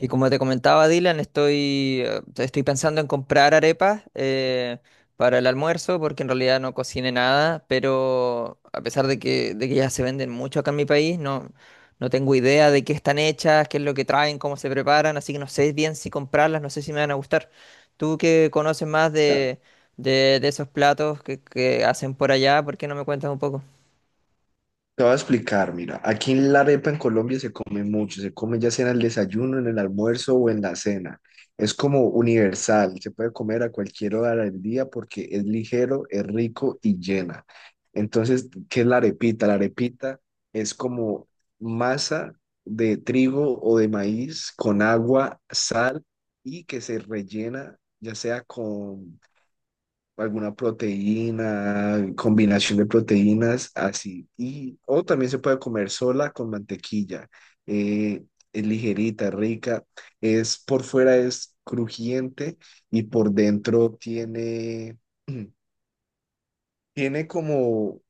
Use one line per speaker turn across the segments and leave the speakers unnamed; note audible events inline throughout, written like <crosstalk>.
Y como te comentaba Dylan, estoy pensando en comprar arepas para el almuerzo, porque en realidad no cociné nada, pero a pesar de que ya se venden mucho acá en mi país, no, no tengo idea de qué están hechas, qué es lo que traen, cómo se preparan, así que no sé bien si comprarlas, no sé si me van a gustar. Tú que conoces más
Ya,
de esos platos que hacen por allá, ¿por qué no me cuentas un poco?
te voy a explicar, mira, aquí en la arepa en Colombia se come mucho, se come ya sea en el desayuno, en el almuerzo o en la cena. Es como universal, se puede comer a cualquier hora del día porque es ligero, es rico y llena. Entonces, ¿qué es la arepita? La arepita es como masa de trigo o de maíz con agua, sal y que se rellena ya sea con alguna proteína, combinación de proteínas, así. Y, o también se puede comer sola con mantequilla. Eh, es ligerita, rica. Es por fuera es crujiente y por dentro tiene, <clears throat> tiene como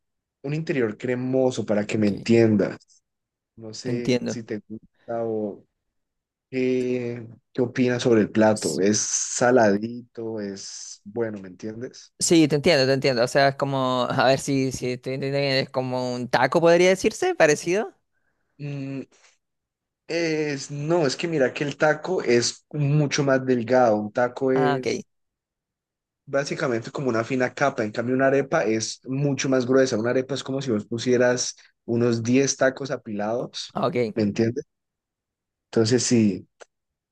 un interior cremoso para que me
Ok,
entiendas. No sé
entiendo.
si te gusta o qué, qué opinas sobre el plato. Es saladito, es bueno, ¿me entiendes?
Sí, te entiendo, te entiendo. O sea, es como, a ver si te entiendo bien, es como un taco, podría decirse, parecido.
Mm, es, no, es que mira que el taco es mucho más delgado. Un taco
Ah, ok,
es básicamente como una fina capa. En cambio, una arepa es mucho más gruesa. Una arepa es como si vos pusieras unos 10 tacos apilados,
ah, ok.
¿me entiendes? Entonces, sí.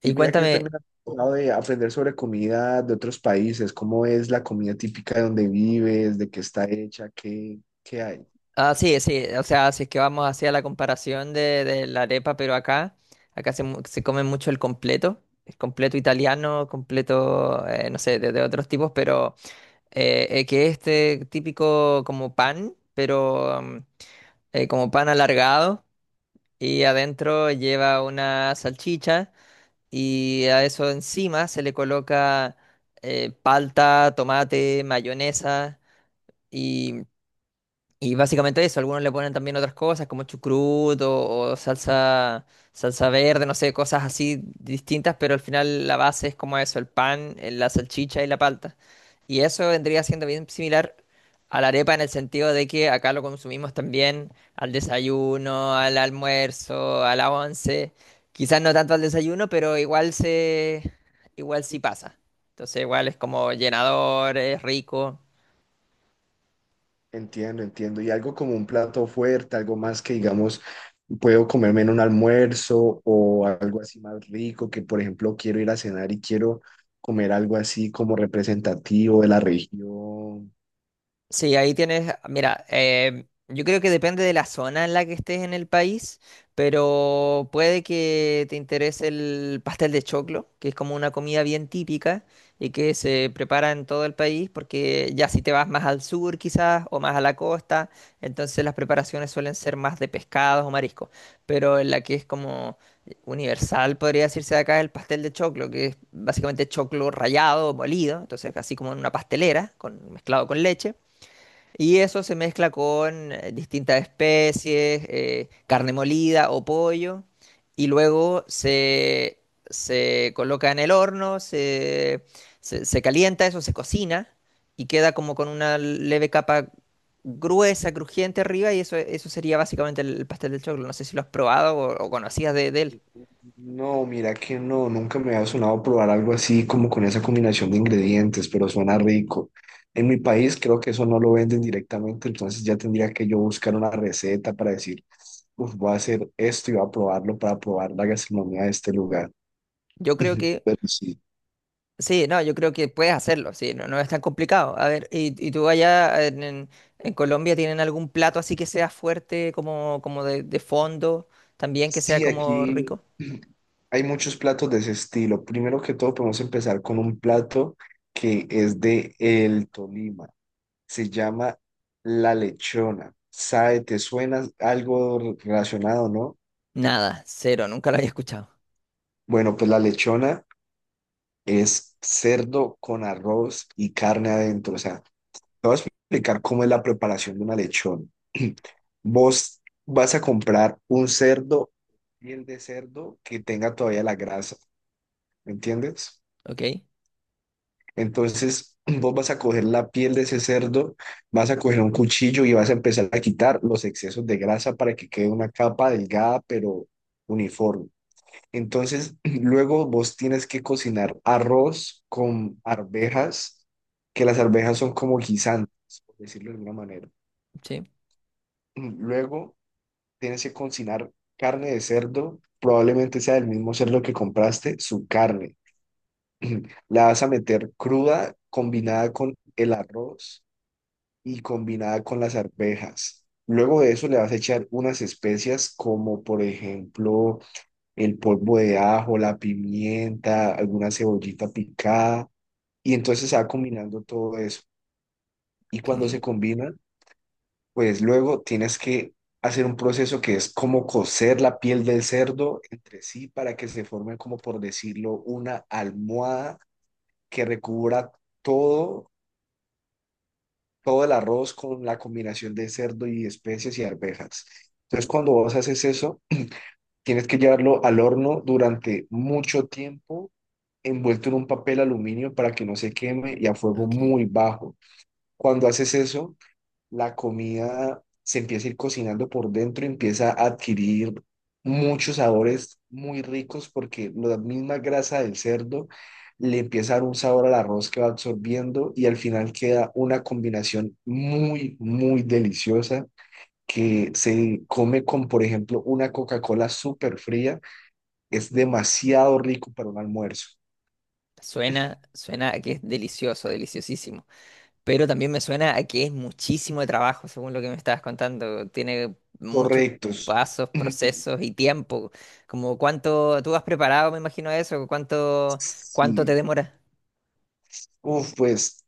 Y
Y
mira que yo
cuéntame,
también he tratado de aprender sobre comida de otros países, cómo es la comida típica de donde vives, de qué está hecha, qué hay.
ah, sí, sí, o sea, si es que vamos hacia la comparación de la arepa, pero acá, se come mucho el completo italiano, completo, no sé, de otros tipos, pero que este típico como pan, pero... mm, como pan alargado y adentro lleva una salchicha. Y a eso encima se le coloca palta, tomate, mayonesa y básicamente eso, algunos le ponen también otras cosas como chucruto o salsa, salsa verde, no sé, cosas así distintas, pero al final la base es como eso, el pan, la salchicha y la palta. Y eso vendría siendo bien similar a la arepa en el sentido de que acá lo consumimos también al desayuno, al almuerzo, a la once, quizás no tanto al desayuno, pero igual sí pasa. Entonces igual es como llenador, es rico.
Entiendo, entiendo. Y algo como un plato fuerte, algo más que digamos puedo comerme en un almuerzo o algo así más rico, que por ejemplo quiero ir a cenar y quiero comer algo así como representativo de la región.
Sí, ahí tienes, mira, yo creo que depende de la zona en la que estés en el país, pero puede que te interese el pastel de choclo, que es como una comida bien típica y que se prepara en todo el país, porque ya si te vas más al sur quizás o más a la costa, entonces las preparaciones suelen ser más de pescados o mariscos, pero en la que es como universal, podría decirse de acá, el pastel de choclo, que es básicamente choclo rallado, molido, entonces así como en una pastelera, mezclado con leche. Y eso se mezcla con distintas especies, carne molida o pollo, y se coloca en el horno, se calienta, eso se cocina y queda como con una leve capa gruesa, crujiente arriba, y eso sería básicamente el pastel del choclo. No sé si lo has probado o conocías de él.
No, mira que no, nunca me ha sonado probar algo así como con esa combinación de ingredientes, pero suena rico. En mi país creo que eso no lo venden directamente, entonces ya tendría que yo buscar una receta para decir, "Uf, voy a hacer esto y voy a probarlo para probar la gastronomía de este lugar."
Yo creo que
Pero sí,
sí, no, yo creo que puedes hacerlo, sí, no, no es tan complicado. A ver, ¿y tú allá en Colombia tienen algún plato así que sea fuerte, como, como de fondo, también que sea
sí,
como
aquí
rico?
hay muchos platos de ese estilo. Primero que todo, podemos empezar con un plato que es de el Tolima. Se llama la lechona. ¿Sabe? ¿Te suena algo relacionado, no?
Nada, cero, nunca lo había escuchado.
Bueno, pues la lechona es cerdo con arroz y carne adentro. O sea, te voy a explicar cómo es la preparación de una lechona. <clears throat> Vos vas a comprar un cerdo, piel de cerdo que tenga todavía la grasa. ¿Me entiendes?
¿Ok?
Entonces, <clears throat> vos vas a coger la piel de ese cerdo, vas a coger un cuchillo y vas a empezar a quitar los excesos de grasa para que quede una capa delgada pero uniforme. Entonces, <clears throat> luego vos tienes que cocinar arroz con arvejas, que las arvejas son como guisantes, por decirlo de alguna manera. <clears throat>
Sí,
Luego tienes que cocinar carne de cerdo, probablemente sea del mismo cerdo que compraste, su carne. La vas a meter cruda, combinada con el arroz y combinada con las arvejas. Luego de eso le vas a echar unas especias como por ejemplo el polvo de ajo, la pimienta, alguna cebollita picada y entonces se va combinando todo eso. Y cuando se
ok,
combina, pues luego tienes que hacer un proceso que es como cocer la piel del cerdo entre sí para que se forme como por decirlo una almohada que recubra todo todo el arroz con la combinación de cerdo y especies y arvejas. Entonces, cuando vos haces eso, tienes que llevarlo al horno durante mucho tiempo, envuelto en un papel aluminio para que no se queme y a fuego
ok.
muy bajo. Cuando haces eso, la comida se empieza a ir cocinando por dentro, empieza a adquirir muchos sabores muy ricos porque la misma grasa del cerdo le empieza a dar un sabor al arroz que va absorbiendo y al final queda una combinación muy, muy deliciosa que se come con, por ejemplo, una Coca-Cola súper fría. Es demasiado rico para un almuerzo.
Suena, suena a que es delicioso, deliciosísimo. Pero también me suena a que es muchísimo de trabajo, según lo que me estabas contando. Tiene muchos
Correctos.
pasos,
<clears throat>
procesos
<laughs>
y tiempo. Como cuánto tú has preparado, me imagino eso, cuánto, cuánto te
Sí.
demora.
Uf, pues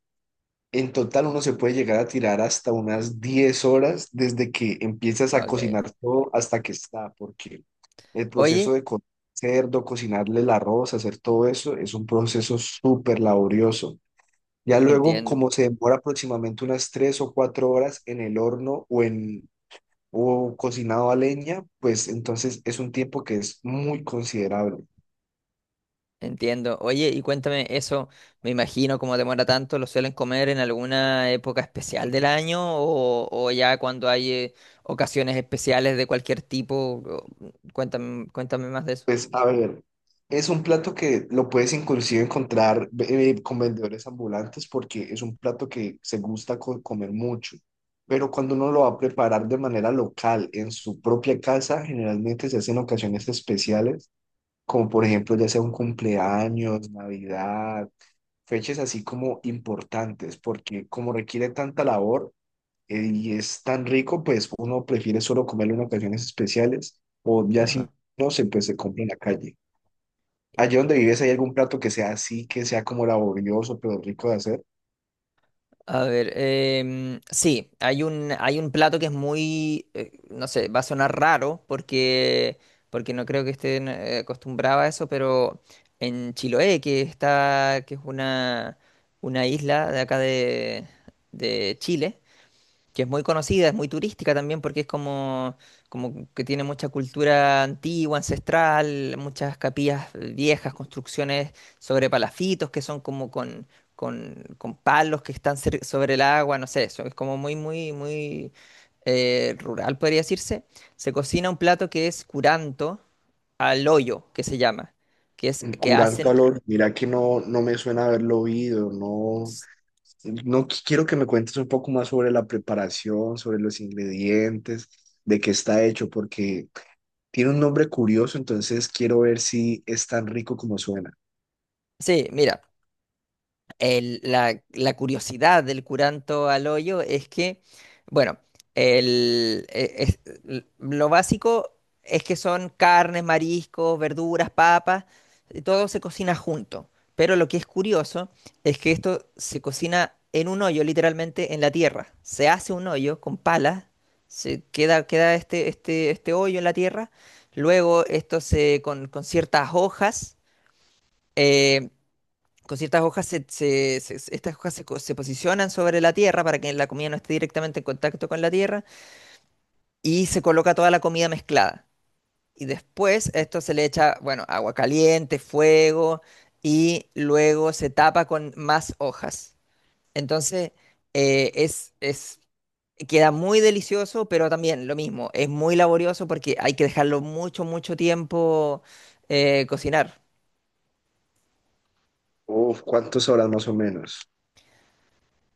en total uno se puede llegar a tirar hasta unas 10 horas desde que empiezas a
Ok.
cocinar todo hasta que está, porque el
Oye,
proceso de cocinar cerdo, cocinarle el arroz, hacer todo eso, es un proceso súper laborioso. Ya luego,
entiendo,
como se demora aproximadamente unas 3 o 4 horas en el horno o cocinado a leña, pues entonces es un tiempo que es muy considerable.
entiendo. Oye, y cuéntame eso, me imagino cómo demora tanto, ¿lo suelen comer en alguna época especial del año o ya cuando hay ocasiones especiales de cualquier tipo? O- Cuéntame, cuéntame más de
Pues a ver, es un plato que lo puedes inclusive encontrar con vendedores ambulantes porque es un plato que se gusta comer mucho, pero cuando uno lo va a preparar de manera local en su propia casa, generalmente se hacen ocasiones especiales, como por ejemplo ya sea un cumpleaños, Navidad, fechas así como importantes, porque como requiere tanta labor, y es tan rico, pues uno prefiere solo comerlo en ocasiones especiales o ya
eso.
si no se pues se compra en la calle. Allí donde vives, ¿hay algún plato que sea así, que sea como laborioso, pero rico de hacer?
A ver, em, sí, hay hay un plato que es muy, no sé, va a sonar raro porque, porque no creo que estén acostumbrados a eso, pero en Chiloé, que está, que es una isla de acá de Chile, que es muy conocida, es muy turística también porque es como, como que tiene mucha cultura antigua, ancestral, muchas capillas viejas, construcciones sobre palafitos que son como con palos que están sobre el agua, no sé, eso es como muy, muy, muy rural, podría decirse. Se cocina un plato que es curanto al hoyo, que se llama, que es
Un
que
curar
hacen...
calor, mira que no, no me suena haberlo oído, no, quiero que me cuentes un poco más sobre la preparación, sobre los ingredientes, de qué está hecho, porque tiene un nombre curioso, entonces quiero ver si es tan rico como suena.
Sí, mira. La curiosidad del curanto al hoyo es que, bueno, el, e- es- l- lo básico es que son carnes, mariscos, verduras, papas, y todo se cocina junto. Pero lo que es curioso es que esto se cocina en un hoyo, literalmente en la tierra. Se hace un hoyo con palas, queda este hoyo en la tierra. Luego esto se eh, con ciertas hojas, estas hojas se posicionan sobre la tierra para que la comida no esté directamente en contacto con la tierra y se coloca toda la comida mezclada. Y después a esto se le echa, bueno, agua caliente, fuego y luego se tapa con más hojas. Entonces, es, queda muy delicioso, pero también lo mismo, es muy laborioso porque hay que dejarlo mucho, mucho tiempo cocinar.
Uf, ¿cuántas horas más o menos?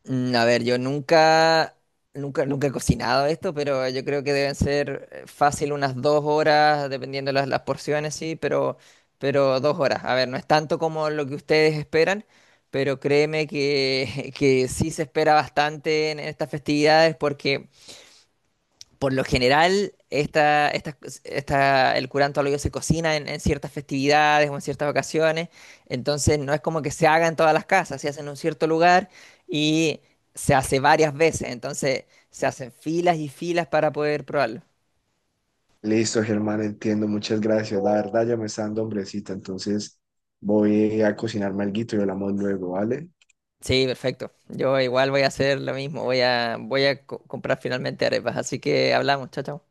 Mm, a ver, yo nunca, nunca, nunca he cocinado esto, pero yo creo que deben ser fácil unas dos horas, dependiendo de las porciones, sí, pero dos horas. A ver, no es tanto como lo que ustedes esperan, pero créeme que, <laughs> que sí se espera bastante en estas festividades porque por lo general, el curanto al hoyo se cocina en ciertas festividades o en ciertas ocasiones, entonces no es como que se haga en todas las casas, se hace en un cierto lugar y se hace varias veces, entonces se hacen filas y filas para poder probarlo.
Listo, Germán, entiendo, muchas gracias. La verdad ya me está dando hombrecita, entonces voy a cocinarme alguito y hablamos luego, ¿vale?
Sí, perfecto. Yo igual voy a hacer lo mismo, voy a comprar finalmente arepas, así que hablamos, chao, chao.